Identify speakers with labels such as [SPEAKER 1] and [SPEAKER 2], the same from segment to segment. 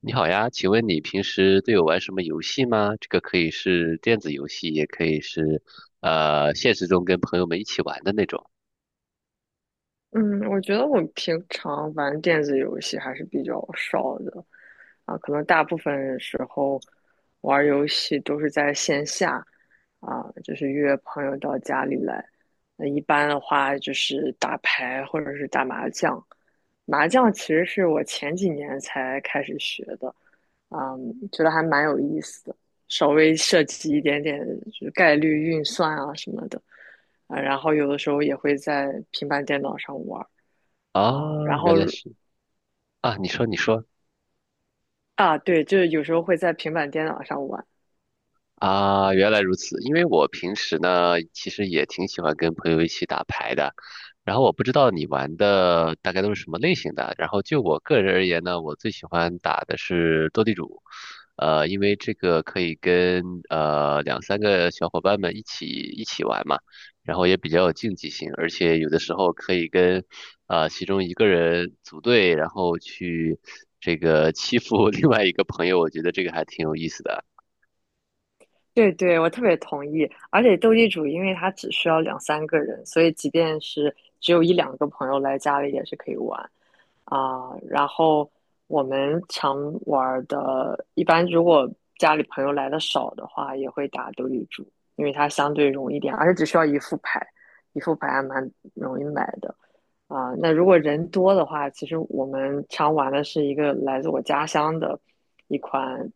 [SPEAKER 1] 你好呀，请问你平时都有玩什么游戏吗？这个可以是电子游戏，也可以是现实中跟朋友们一起玩的那种。
[SPEAKER 2] 嗯，我觉得我平常玩电子游戏还是比较少的，啊，可能大部分时候玩儿游戏都是在线下，啊，就是约朋友到家里来。那一般的话就是打牌或者是打麻将，麻将其实是我前几年才开始学的，啊，觉得还蛮有意思的，稍微涉及一点点就是概率运算啊什么的。啊，然后有的时候也会在平板电脑上玩儿
[SPEAKER 1] 啊，
[SPEAKER 2] 啊，然后
[SPEAKER 1] 原来是啊，你说你说，
[SPEAKER 2] 啊，对，就是有时候会在平板电脑上玩。
[SPEAKER 1] 啊，原来如此。因为我平时呢，其实也挺喜欢跟朋友一起打牌的。然后我不知道你玩的大概都是什么类型的。然后就我个人而言呢，我最喜欢打的是斗地主，因为这个可以跟两三个小伙伴们一起玩嘛，然后也比较有竞技性，而且有的时候可以跟其中一个人组队，然后去这个欺负 另外一个朋友，我觉得这个还挺有意思的。
[SPEAKER 2] 对对，我特别同意。而且斗地主，因为它只需要两三个人，所以即便是只有一两个朋友来家里也是可以玩啊。然后我们常玩儿的，一般如果家里朋友来的少的话，也会打斗地主，因为它相对容易一点，而且只需要一副牌，一副牌还蛮容易买的啊。那如果人多的话，其实我们常玩的是一个来自我家乡的一款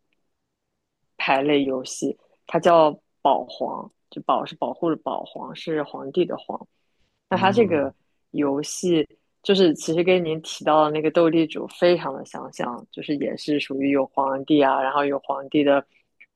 [SPEAKER 2] 牌类游戏。它叫保皇，就保是保护的保，皇是皇帝的皇。那它这
[SPEAKER 1] 嗯。
[SPEAKER 2] 个游戏就是其实跟您提到的那个斗地主非常的相像，就是也是属于有皇帝啊，然后有皇帝的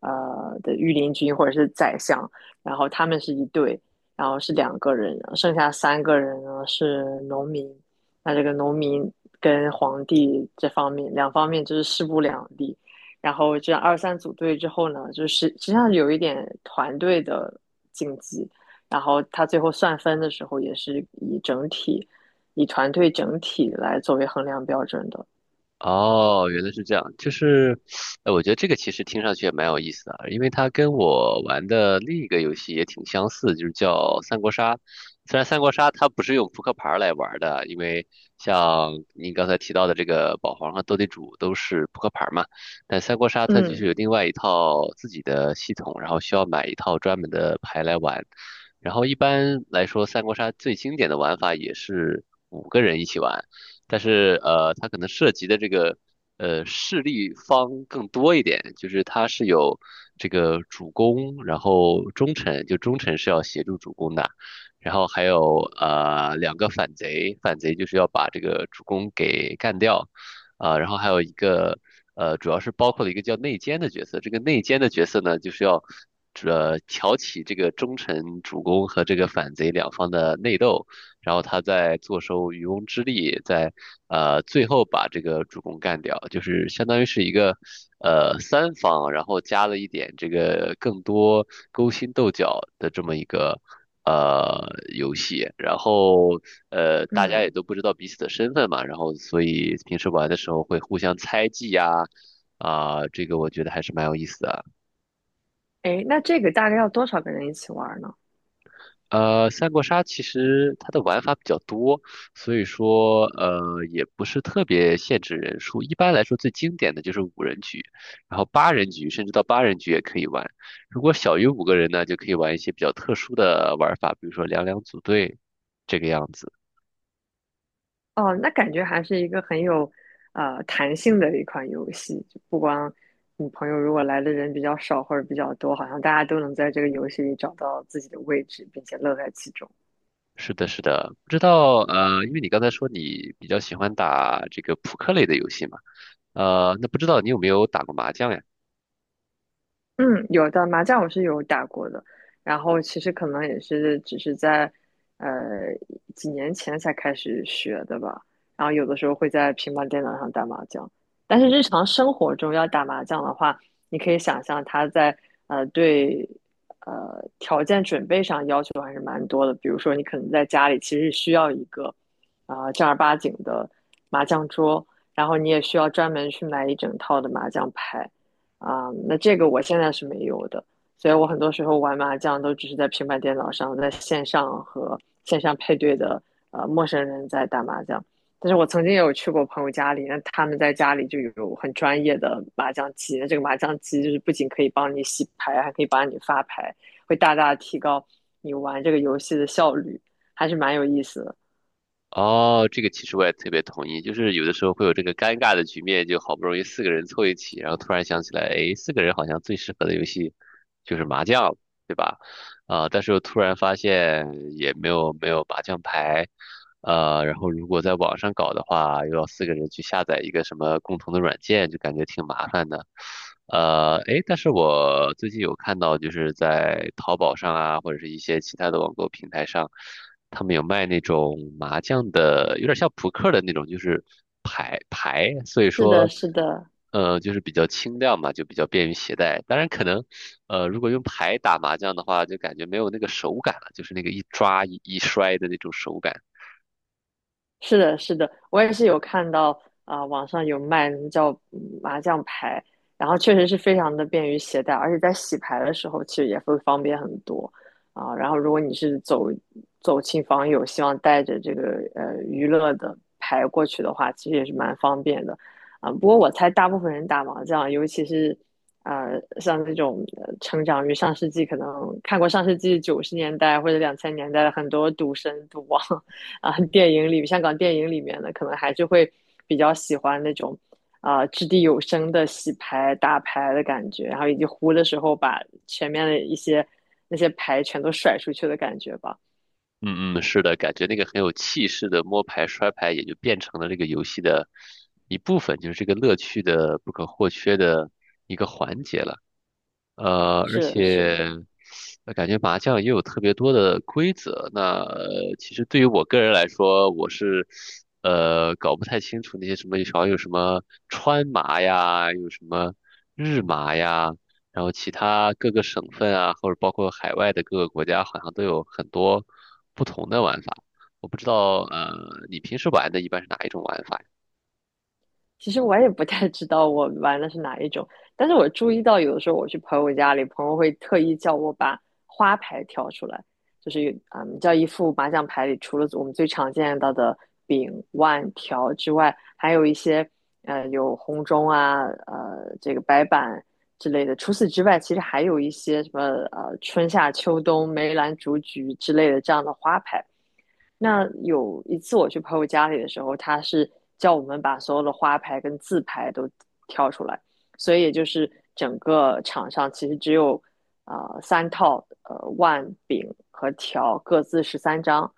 [SPEAKER 2] 呃的御林军或者是宰相，然后他们是一对，然后是两个人，剩下三个人呢是农民。那这个农民跟皇帝这方面两方面就是势不两立，然后这样二三组队之后呢，就是实际上有一点团队的竞技，然后他最后算分的时候也是以整体，以团队整体来作为衡量标准的。
[SPEAKER 1] 哦，原来是这样，就是，我觉得这个其实听上去也蛮有意思的啊，因为它跟我玩的另一个游戏也挺相似，就是叫三国杀。虽然三国杀它不是用扑克牌儿来玩儿的，因为像您刚才提到的这个保皇和斗地主都是扑克牌儿嘛，但三国杀它就
[SPEAKER 2] 嗯
[SPEAKER 1] 是有另外一套自己的系统，然后需要买一套专门的牌来玩。然后一般来说，三国杀最经典的玩法也是五个人一起玩。但是它可能涉及的这个势力方更多一点，就是它是有这个主公，然后忠臣，就忠臣是要协助主公的，然后还有两个反贼，反贼就是要把这个主公给干掉，啊、然后还有一个主要是包括了一个叫内奸的角色，这个内奸的角色呢，就是要。挑起这个忠臣主公和这个反贼两方的内斗，然后他在坐收渔翁之利，在最后把这个主公干掉，就是相当于是一个三方，然后加了一点这个更多勾心斗角的这么一个。呃，游戏，然后大家
[SPEAKER 2] 嗯。
[SPEAKER 1] 也都不知道彼此的身份嘛，然后所以平时玩的时候会互相猜忌呀，啊，这个我觉得还是蛮有意思的。
[SPEAKER 2] 哎，那这个大概要多少个人一起玩呢？
[SPEAKER 1] 三国杀其实它的玩法比较多，所以说也不是特别限制人数。一般来说，最经典的就是五人局，然后八人局，甚至到八人局也可以玩。如果小于五个人呢，就可以玩一些比较特殊的玩法，比如说两两组队这个样子。
[SPEAKER 2] 哦，那感觉还是一个很有弹性的一款游戏，就不光你朋友如果来的人比较少或者比较多，好像大家都能在这个游戏里找到自己的位置，并且乐在其中。
[SPEAKER 1] 是的，是的，不知道因为你刚才说你比较喜欢打这个扑克类的游戏嘛，那不知道你有没有打过麻将呀？
[SPEAKER 2] 嗯，有的麻将我是有打过的，然后其实可能也是只是在呃几年前才开始学的吧，然后有的时候会在平板电脑上打麻将，但是日常生活中要打麻将的话，你可以想象它在对条件准备上要求还是蛮多的，比如说你可能在家里其实需要一个啊，正儿八经的麻将桌，然后你也需要专门去买一整套的麻将牌。啊，那这个我现在是没有的，所以我很多时候玩麻将都只是在平板电脑上，在线上和线上配对的陌生人在打麻将。但是我曾经也有去过朋友家里，那他们在家里就有很专业的麻将机，那这个麻将机就是不仅可以帮你洗牌，还可以帮你发牌，会大大提高你玩这个游戏的效率，还是蛮有意思的。
[SPEAKER 1] 哦，这个其实我也特别同意，就是有的时候会有这个尴尬的局面，就好不容易四个人凑一起，然后突然想起来，哎，四个人好像最适合的游戏就是麻将，对吧？啊、但是又突然发现也没有麻将牌，然后如果在网上搞的话，又要四个人去下载一个什么共同的软件，就感觉挺麻烦的。诶，但是我最近有看到，就是在淘宝上啊，或者是一些其他的网购平台上，他们有卖那种麻将的，有点像扑克的那种，就是牌牌，所以
[SPEAKER 2] 是的，
[SPEAKER 1] 说。
[SPEAKER 2] 是的，
[SPEAKER 1] 就是比较轻量嘛，就比较便于携带。当然，可能，如果用牌打麻将的话，就感觉没有那个手感了，就是那个一抓一摔的那种手感。
[SPEAKER 2] 是的，是的，我也是有看到啊，网上有卖叫麻将牌，然后确实是非常的便于携带，而且在洗牌的时候其实也会方便很多啊，然后如果你是走亲访友，希望带着这个娱乐的牌过去的话，其实也是蛮方便的啊，不过我猜大部分人打麻将，尤其是像这种成长于上世纪，可能看过上世纪90年代或者2000年代的很多赌神、赌王。啊，电影里香港电影里面的，可能还是会比较喜欢那种啊，掷地有声的洗牌打牌的感觉，然后以及胡的时候把前面的一些那些牌全都甩出去的感觉吧。
[SPEAKER 1] 嗯嗯，嗯，是的，感觉那个很有气势的摸牌摔牌，也就变成了这个游戏的一部分，就是这个乐趣的不可或缺的一个环节了。而
[SPEAKER 2] 是
[SPEAKER 1] 且
[SPEAKER 2] 是。
[SPEAKER 1] 感觉麻将也有特别多的规则。那其实对于我个人来说，我是搞不太清楚那些什么，好像有什么川麻呀，有什么日麻呀，然后其他各个省份啊，或者包括海外的各个国家，好像都有很多不同的玩法。我不知道，你平时玩的一般是哪一种玩法呀。
[SPEAKER 2] 其实我也不太知道我玩的是哪一种，但是我注意到有的时候我去朋友家里，朋友会特意叫我把花牌挑出来，就是叫一副麻将牌里除了我们最常见到的饼、腕、条之外，还有一些有红中啊，这个白板之类的。除此之外，其实还有一些什么春夏秋冬、梅兰竹菊之类的这样的花牌。那有一次我去朋友家里的时候，他是叫我们把所有的花牌跟字牌都挑出来，所以也就是整个场上其实只有三套万柄和条各自13张，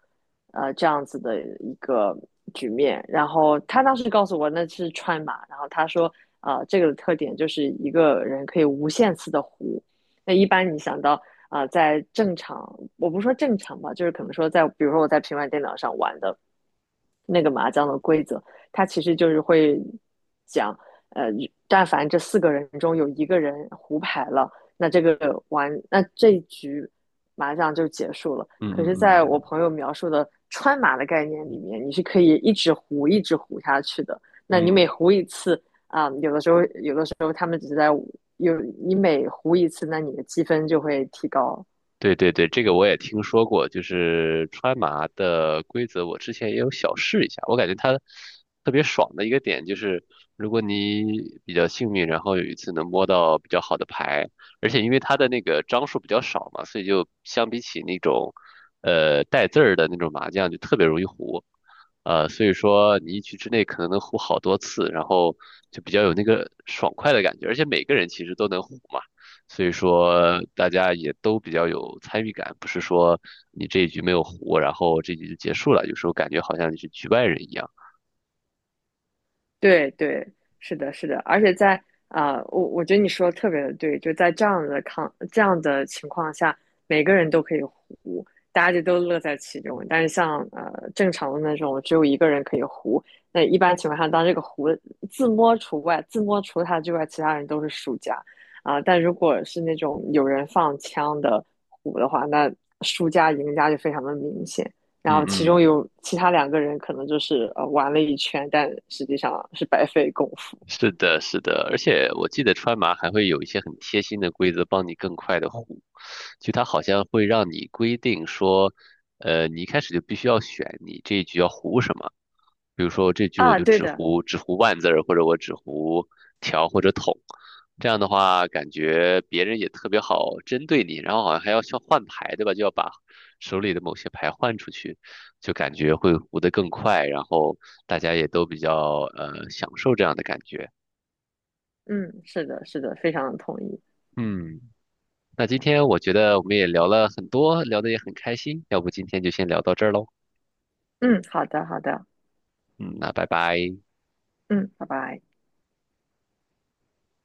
[SPEAKER 2] 这样子的一个局面。然后他当时告诉我那是川麻，然后他说这个的特点就是一个人可以无限次的胡。那一般你想到啊，在正常，我不说正常吧，就是可能说在，比如说我在平板电脑上玩的那个麻将的规则，它其实就是会讲，呃，但凡这四个人中有一个人胡牌了，那这一局麻将就结束了。
[SPEAKER 1] 嗯
[SPEAKER 2] 可
[SPEAKER 1] 嗯
[SPEAKER 2] 是，在我
[SPEAKER 1] 嗯。
[SPEAKER 2] 朋友描述的川麻的概念里面，你是可以一直胡，一直胡下去的。那你每
[SPEAKER 1] 嗯，
[SPEAKER 2] 胡一次啊，有的时候他们只是在有你每胡一次，那你的积分就会提高。
[SPEAKER 1] 对对对，这个我也听说过，就是川麻的规则，我之前也有小试一下。我感觉它特别爽的一个点就是，如果你比较幸运，然后有一次能摸到比较好的牌，而且因为它的那个张数比较少嘛，所以就相比起那种带字儿的那种麻将，就特别容易胡。所以说你一局之内可能能胡好多次，然后就比较有那个爽快的感觉，而且每个人其实都能胡嘛。所以说大家也都比较有参与感，不是说你这一局没有胡，然后这局就结束了，有时候感觉好像你是局外人一样。
[SPEAKER 2] 对对，是的，是的，而且在啊，我觉得你说的特别的对，就在这样的情况下，每个人都可以胡，大家就都乐在其中。但是像正常的那种，只有一个人可以胡，那一般情况下，当这个胡自摸除外，自摸除了他之外，其他人都是输家啊，但如果是那种有人放枪的胡的话，那输家赢家就非常的明显。然后
[SPEAKER 1] 嗯
[SPEAKER 2] 其中
[SPEAKER 1] 嗯，
[SPEAKER 2] 有其他两个人可能就是玩了一圈，但实际上是白费功夫
[SPEAKER 1] 是的，是的，而且我记得川麻还会有一些很贴心的规则，帮你更快的胡。就它好像会让你规定说，你一开始就必须要选你这一局要胡什么。比如说这局我
[SPEAKER 2] 啊。
[SPEAKER 1] 就
[SPEAKER 2] 对
[SPEAKER 1] 只
[SPEAKER 2] 的，
[SPEAKER 1] 胡只胡万字儿，或者我只胡条或者筒，这样的话感觉别人也特别好针对你，然后好像还要需要换牌，对吧？就要把手里的某些牌换出去，就感觉会胡得更快，然后大家也都比较享受这样的感觉。
[SPEAKER 2] 嗯，是的，是的，非常同意。
[SPEAKER 1] 嗯，那今天我觉得我们也聊了很多，聊得也很开心，要不今天就先聊到这儿喽。
[SPEAKER 2] 嗯，好的，好的，
[SPEAKER 1] 嗯，那拜拜。
[SPEAKER 2] 嗯，拜拜。